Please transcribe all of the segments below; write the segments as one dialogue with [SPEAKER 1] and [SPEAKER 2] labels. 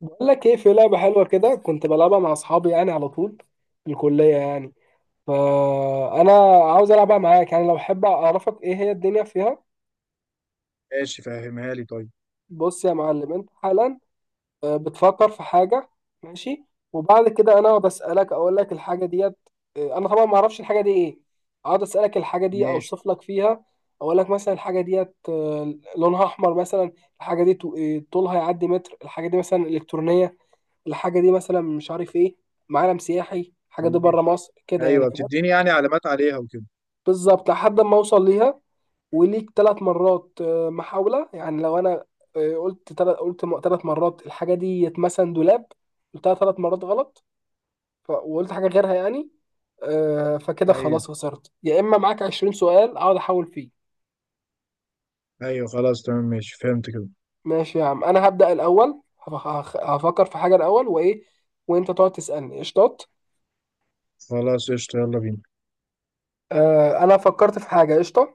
[SPEAKER 1] بقول لك ايه؟ في لعبه حلوه كده كنت بلعبها مع اصحابي يعني على طول في الكليه يعني. فانا عاوز العبها معاك، يعني لو حابب اعرفك ايه هي الدنيا فيها.
[SPEAKER 2] ماشي، فهمها لي طيب.
[SPEAKER 1] بص يا معلم، انت حالا بتفكر في حاجه. ماشي. وبعد كده انا بسالك، اقول لك الحاجه ديت. انا طبعا ما اعرفش الحاجه دي ايه. اقعد اسالك الحاجه دي،
[SPEAKER 2] ماشي
[SPEAKER 1] اوصف لك فيها. اقول لك مثلا الحاجه ديت لونها احمر مثلا. الحاجه دي طولها يعدي متر. الحاجه دي مثلا الكترونيه. الحاجه دي مثلا مش عارف ايه. معلم سياحي، الحاجه دي بره
[SPEAKER 2] ماشي.
[SPEAKER 1] مصر كده يعني.
[SPEAKER 2] ايوه،
[SPEAKER 1] فاهم؟
[SPEAKER 2] بتديني يعني علامات عليها وكده.
[SPEAKER 1] بالظبط لحد ما اوصل ليها. وليك 3 مرات محاوله، يعني لو انا قلت 3 مرات الحاجه دي مثلا دولاب، قلتها 3 مرات غلط وقلت حاجه غيرها يعني. فكده
[SPEAKER 2] ايوه
[SPEAKER 1] خلاص خسرت، يا اما معاك 20 سؤال اقعد احاول فيه.
[SPEAKER 2] ايوه، خلاص تمام ماشي، فهمت كده.
[SPEAKER 1] ماشي يا عم، انا هبدا الاول. هفكر في حاجه الاول، وايه وانت تقعد تسالني. قشطات.
[SPEAKER 2] خلاص قشطة، يلا بينا.
[SPEAKER 1] انا فكرت في حاجه. قشطه.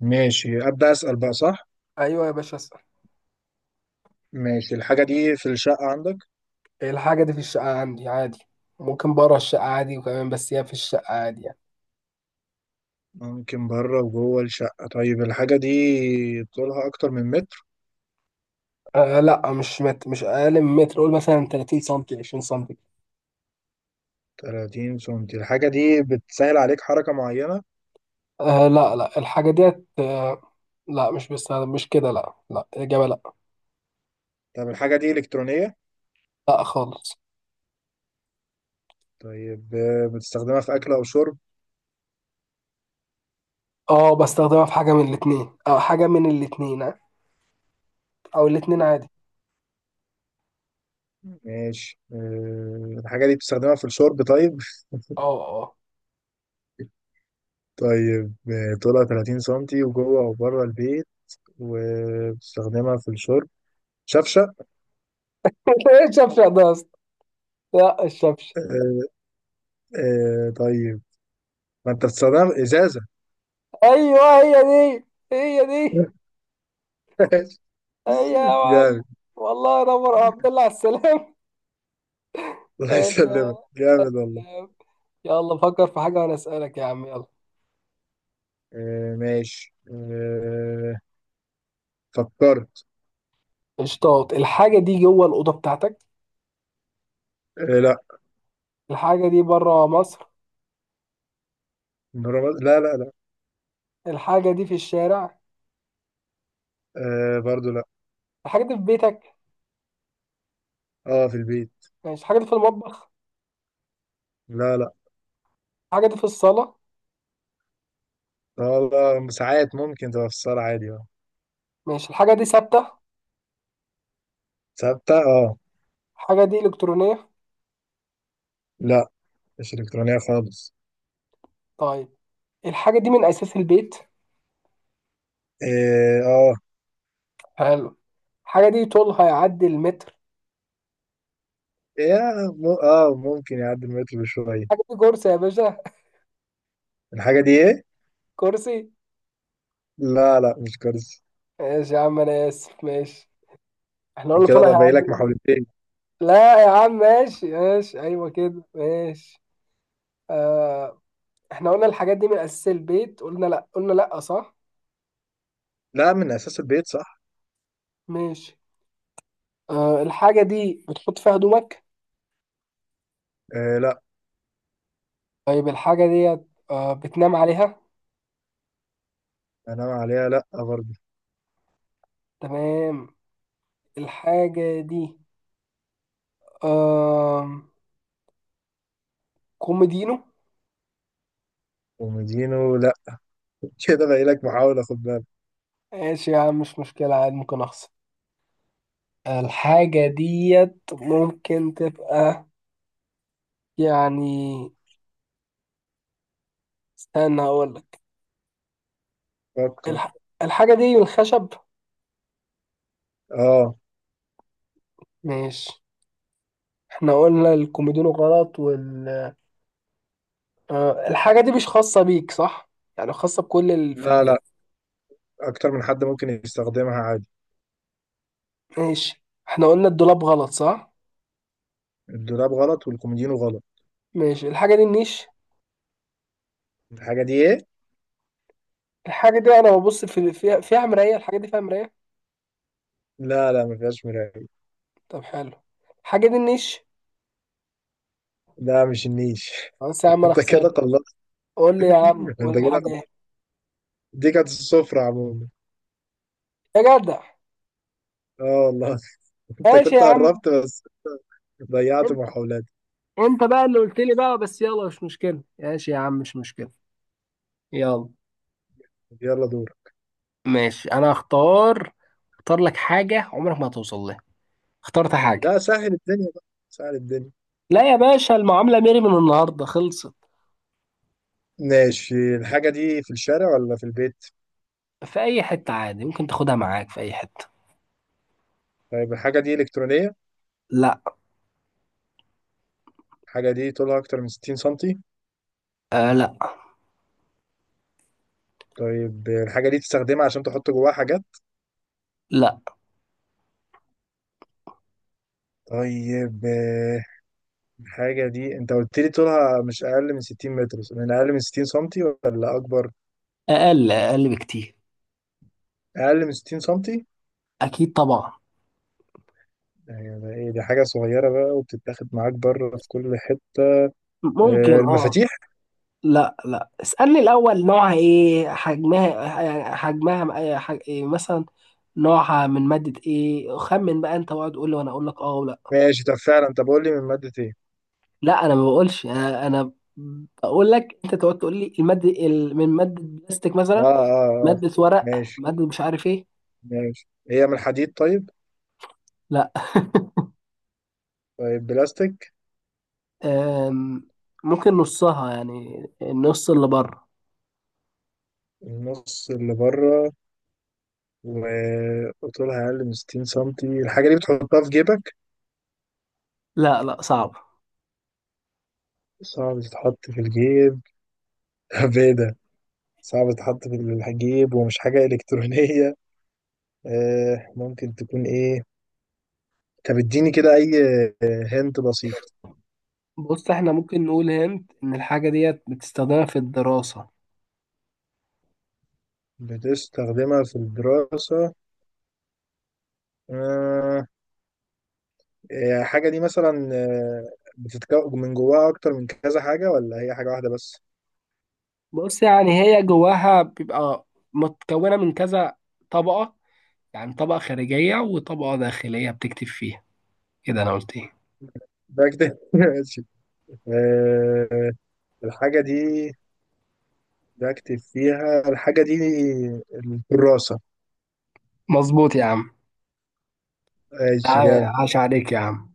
[SPEAKER 2] ماشي، ابدا اسال بقى صح.
[SPEAKER 1] ايوه يا باشا، اسأل.
[SPEAKER 2] ماشي. الحاجه دي في الشقه عندك؟
[SPEAKER 1] الحاجة دي في الشقة عندي عادي. ممكن بره الشقة عادي وكمان، بس هي في الشقة عادي يعني.
[SPEAKER 2] ممكن بره وجوه الشقه. طيب، الحاجه دي طولها اكتر من متر؟
[SPEAKER 1] آه لا، مش أقل من متر، قول مثلا 30 سنتي، 20 سنتي.
[SPEAKER 2] 30 سنتي. الحاجه دي بتسهل عليك حركه معينه؟
[SPEAKER 1] آه لا لا، الحاجة ديت. لا، مش بستخدم، مش كده، لا لا، الإجابة لا.
[SPEAKER 2] طب الحاجه دي الكترونيه؟
[SPEAKER 1] لا خالص.
[SPEAKER 2] طيب، بتستخدمها في اكل او شرب؟
[SPEAKER 1] اه، بستخدمها في حاجة من الاتنين أو حاجة من الاتنين، أو الاتنين عادي.
[SPEAKER 2] ماشي، الحاجه دي بتستخدمها في الشرب؟ طيب.
[SPEAKER 1] اه، اه.
[SPEAKER 2] طيب، طولها 30 سنتي، وجوه أو بره البيت، وبتستخدمها في الشرب. شفشة.
[SPEAKER 1] ايه الشفشق ده يا اسطى؟ لا، الشفشق.
[SPEAKER 2] آه، طيب. ما أنت بتستخدمها في إزازة.
[SPEAKER 1] ايوه، هي دي، هي دي، هي يا معلم.
[SPEAKER 2] جامد.
[SPEAKER 1] والله نور يا عبد الله، على السلام.
[SPEAKER 2] الله
[SPEAKER 1] ماشي.
[SPEAKER 2] يسلمك، جامد والله.
[SPEAKER 1] يا يلا فكر في حاجة وأنا أسألك يا عم، يلا.
[SPEAKER 2] ماشي، فكرت.
[SPEAKER 1] اشطاط. الحاجة دي جوه الأوضة بتاعتك؟
[SPEAKER 2] لا.
[SPEAKER 1] الحاجة دي بره مصر؟
[SPEAKER 2] لا لا لا.
[SPEAKER 1] الحاجة دي في الشارع؟
[SPEAKER 2] برضو لا.
[SPEAKER 1] الحاجة دي في بيتك؟
[SPEAKER 2] اه، في البيت.
[SPEAKER 1] ماشي. الحاجة دي في المطبخ؟
[SPEAKER 2] لا لا،
[SPEAKER 1] الحاجة دي في الصالة؟
[SPEAKER 2] والله ساعات ممكن تبقى في الصالة عادي، اه.
[SPEAKER 1] ماشي. الحاجة دي ثابتة؟
[SPEAKER 2] ثابتة، اه.
[SPEAKER 1] الحاجة دي إلكترونية؟
[SPEAKER 2] لا، مش إلكترونية خالص.
[SPEAKER 1] طيب، الحاجة دي من أساس البيت؟
[SPEAKER 2] اه، آه.
[SPEAKER 1] حلو. الحاجة دي طولها يعدي المتر؟
[SPEAKER 2] يا اه، ممكن يعدي المتر بشوية.
[SPEAKER 1] الحاجة دي كرسي يا باشا؟
[SPEAKER 2] الحاجة دي ايه؟
[SPEAKER 1] كرسي.
[SPEAKER 2] لا لا، مش كرسي.
[SPEAKER 1] ماشي يا عم، أنا آسف. ماشي. احنا قلنا
[SPEAKER 2] كده
[SPEAKER 1] طولها
[SPEAKER 2] ده باقي
[SPEAKER 1] يعدي
[SPEAKER 2] لك
[SPEAKER 1] المتر.
[SPEAKER 2] محاولتين.
[SPEAKER 1] لا يا عم، ماشي ماشي، أيوه كده. ماشي. آه. احنا قلنا الحاجات دي من اساس البيت، قلنا لا، قلنا لا، صح؟
[SPEAKER 2] لا، من اساس البيت، صح؟
[SPEAKER 1] ماشي. أه، الحاجه دي بتحط فيها هدومك؟
[SPEAKER 2] لا.
[SPEAKER 1] طيب، الحاجه دي بتنام عليها؟
[SPEAKER 2] انام عليها لا برضه.
[SPEAKER 1] تمام. الحاجه دي أه كوميدينو؟
[SPEAKER 2] ومدينه لا. كده باقي لك محاولة، خد بالك.
[SPEAKER 1] ماشي يا عم، مش مشكله عادي، ممكن اخسر. الحاجه ديت ممكن تبقى يعني، استنى هقول لك.
[SPEAKER 2] فكر.
[SPEAKER 1] الح... الحاجه دي من الخشب؟
[SPEAKER 2] اه.
[SPEAKER 1] ماشي. احنا قلنا الكوميدينو غلط. الحاجة دي مش خاصة بيك، صح؟ يعني خاصة بكل اللي في
[SPEAKER 2] لا لا،
[SPEAKER 1] البيت؟
[SPEAKER 2] اكتر من حد ممكن يستخدمها عادي.
[SPEAKER 1] ماشي، احنا قلنا الدولاب غلط، صح؟
[SPEAKER 2] الدولاب غلط والكوميدينو غلط.
[SPEAKER 1] ماشي، الحاجة دي النيش؟
[SPEAKER 2] الحاجة دي ايه؟
[SPEAKER 1] الحاجة دي انا ببص في فيها فيها مراية. الحاجة دي فيها مراية؟
[SPEAKER 2] لا لا، ما فيهاش مراية.
[SPEAKER 1] طب، حلو. الحاجة دي النيش؟
[SPEAKER 2] لا، مش النيش.
[SPEAKER 1] خلاص يا عم، انا
[SPEAKER 2] انت كده
[SPEAKER 1] خسرت.
[SPEAKER 2] خلصت.
[SPEAKER 1] قول لي يا عم، قول
[SPEAKER 2] انت
[SPEAKER 1] لي
[SPEAKER 2] كده
[SPEAKER 1] الحاجة ايه.
[SPEAKER 2] خلصت. دي كانت السفرة عموما.
[SPEAKER 1] يا جدع.
[SPEAKER 2] اه والله. انت
[SPEAKER 1] ماشي يا
[SPEAKER 2] كنت
[SPEAKER 1] عم.
[SPEAKER 2] قربت بس. ضيعت
[SPEAKER 1] انت
[SPEAKER 2] محاولاتي.
[SPEAKER 1] انت بقى اللي قلت لي بقى، بس يلا مش مشكلة، ماشي يا عم، مش مشكلة. يلا.
[SPEAKER 2] يلا دور.
[SPEAKER 1] ماشي، انا هختار. اختار لك حاجة عمرك ما هتوصل لها. اخترت حاجة.
[SPEAKER 2] لا، سهل الدنيا بقى، سهل الدنيا.
[SPEAKER 1] لا يا باشا، المعاملة ميري من النهاردة خلصت.
[SPEAKER 2] ماشي، الحاجة دي في الشارع ولا في البيت؟
[SPEAKER 1] في اي حتة عادي، ممكن تاخدها معاك في اي حتة.
[SPEAKER 2] طيب، الحاجة دي إلكترونية؟
[SPEAKER 1] لا.
[SPEAKER 2] الحاجة دي طولها أكتر من 60 سنتي؟
[SPEAKER 1] آه لا.
[SPEAKER 2] طيب، الحاجة دي تستخدمها عشان تحط جواها حاجات؟
[SPEAKER 1] لا،
[SPEAKER 2] طيب، الحاجة دي أنت قلت لي طولها مش أقل من 60 متر، من أقل من 60 سنتي ولا أكبر؟
[SPEAKER 1] اقل اقل بكتير.
[SPEAKER 2] أقل من 60 سنتي؟
[SPEAKER 1] اكيد طبعا.
[SPEAKER 2] يعني ده إيه، دي حاجة صغيرة بقى وبتتاخد معاك بره في كل حتة،
[SPEAKER 1] ممكن، اه.
[SPEAKER 2] المفاتيح؟
[SPEAKER 1] لا لا، اسألني الاول نوعها ايه، حجمها يعني حجمها إيه مثلا، نوعها من مادة ايه. خمن بقى انت، واقعد تقول لي وانا اقول لك اه ولا
[SPEAKER 2] ماشي، طب فعلا، طب قول لي من مادة ايه.
[SPEAKER 1] لا. انا ما بقولش. انا بقول لك انت تقعد تقول لي المادة من مادة بلاستيك
[SPEAKER 2] اه
[SPEAKER 1] مثلا،
[SPEAKER 2] اه اه.
[SPEAKER 1] مادة ورق،
[SPEAKER 2] ماشي
[SPEAKER 1] مادة مش عارف ايه.
[SPEAKER 2] ماشي، هي من الحديد طيب؟
[SPEAKER 1] لا.
[SPEAKER 2] طيب، بلاستيك.
[SPEAKER 1] أم، ممكن نصها، يعني النص اللي بره.
[SPEAKER 2] النص اللي بره، وطولها أقل من 60 سنتي. الحاجة دي بتحطها في جيبك؟
[SPEAKER 1] لا لا، صعب.
[SPEAKER 2] صعب تتحط في الجيب. طب ايه ده. صعب تتحط في الجيب ومش حاجة إلكترونية. ممكن تكون ايه. طب اديني كده أي. هنت بسيط.
[SPEAKER 1] بص، احنا ممكن نقول هنت ان الحاجة ديت بتستخدمها في الدراسة.
[SPEAKER 2] بتستخدمها في الدراسة. آه الحاجة دي مثلا، بتتكون من جواها أكتر من كذا حاجة ولا هي حاجة واحدة بس؟
[SPEAKER 1] بص يعني، هي جواها بيبقى متكونة من كذا طبقة، يعني طبقة خارجية وطبقة داخلية بتكتب فيها، كده انا قلت ايه.
[SPEAKER 2] بكتب. ماشي. آه، الحاجة دي بكتب فيها، الحاجة دي الكراسة.
[SPEAKER 1] مظبوط يا عم.
[SPEAKER 2] ماشي، جامد.
[SPEAKER 1] عاش عليك يا عم.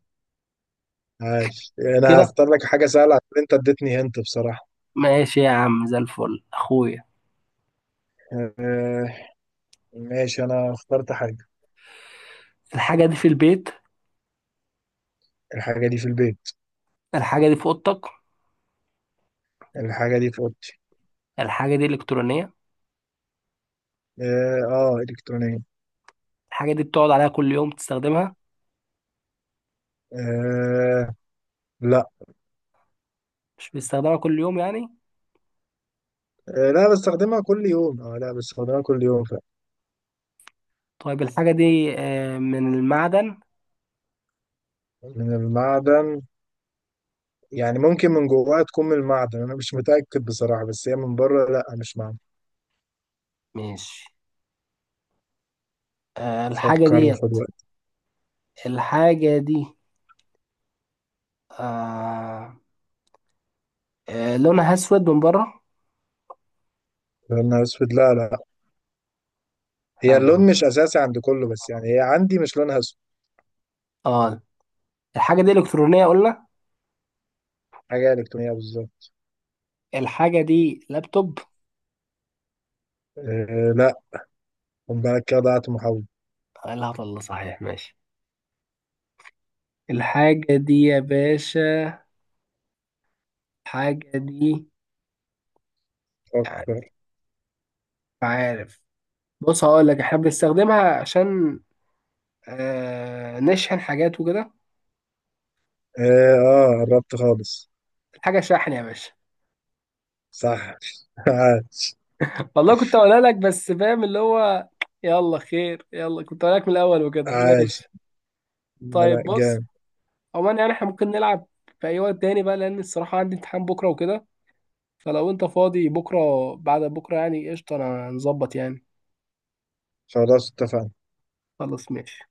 [SPEAKER 2] ماشي، أنا
[SPEAKER 1] كده.
[SPEAKER 2] هختار لك حاجة سهلة عشان أنت اديتني هنت بصراحة.
[SPEAKER 1] ماشي يا عم، زي الفل اخويا.
[SPEAKER 2] آه، ماشي، أنا اخترت حاجة.
[SPEAKER 1] الحاجة دي في البيت؟
[SPEAKER 2] الحاجة دي في البيت.
[SPEAKER 1] الحاجة دي في اوضتك؟
[SPEAKER 2] الحاجة دي في أوضتي.
[SPEAKER 1] الحاجة دي الكترونية؟
[SPEAKER 2] آه، آه، إلكترونية.
[SPEAKER 1] الحاجة دي بتقعد عليها كل يوم تستخدمها؟
[SPEAKER 2] آه لا.
[SPEAKER 1] مش بيستخدمها كل يوم يعني؟
[SPEAKER 2] لا، بستخدمها كل يوم، لا، بستخدمها كل يوم.
[SPEAKER 1] طيب، الحاجة دي من المعدن؟
[SPEAKER 2] من المعدن؟ يعني ممكن من جواها تكون من المعدن، انا مش متأكد بصراحة، بس هي من بره لا، مش معدن.
[SPEAKER 1] ماشي. الحاجة
[SPEAKER 2] فكر
[SPEAKER 1] دي.
[SPEAKER 2] وخد وقت.
[SPEAKER 1] الحاجة دي آه، لونها أسود من بره؟
[SPEAKER 2] لونها اسود؟ لا لا. هي
[SPEAKER 1] حلو.
[SPEAKER 2] اللون مش اساسي عند كله، بس يعني هي عندي مش لونها اسود.
[SPEAKER 1] اه. الحاجة دي إلكترونية قلنا.
[SPEAKER 2] حاجة الكترونية بالظبط.
[SPEAKER 1] الحاجة دي لابتوب؟
[SPEAKER 2] لا. خد بالك، كده ضيعت محاولة.
[SPEAKER 1] لا والله صحيح، ماشي. الحاجة دي يا باشا، الحاجة دي يعني،
[SPEAKER 2] فكر.
[SPEAKER 1] مش عارف. بص هقول لك، احنا بنستخدمها عشان نشحن حاجات وكده.
[SPEAKER 2] اه، قربت خالص.
[SPEAKER 1] الحاجة شاحن يا باشا.
[SPEAKER 2] صح. عاش.
[SPEAKER 1] والله كنت هقولها لك، بس فاهم اللي هو. يلا خير، يلا كنت هقولها لك من الاول وكده.
[SPEAKER 2] عاش.
[SPEAKER 1] ماشي.
[SPEAKER 2] لا لا،
[SPEAKER 1] طيب، بص.
[SPEAKER 2] جامد.
[SPEAKER 1] عموما يعني احنا ممكن نلعب في اي وقت تاني بقى، لان الصراحه عندي امتحان بكره وكده. فلو انت فاضي بكره بعد بكره يعني قشطه، انا هنظبط يعني.
[SPEAKER 2] خلاص، اتفقنا.
[SPEAKER 1] خلاص، ماشي.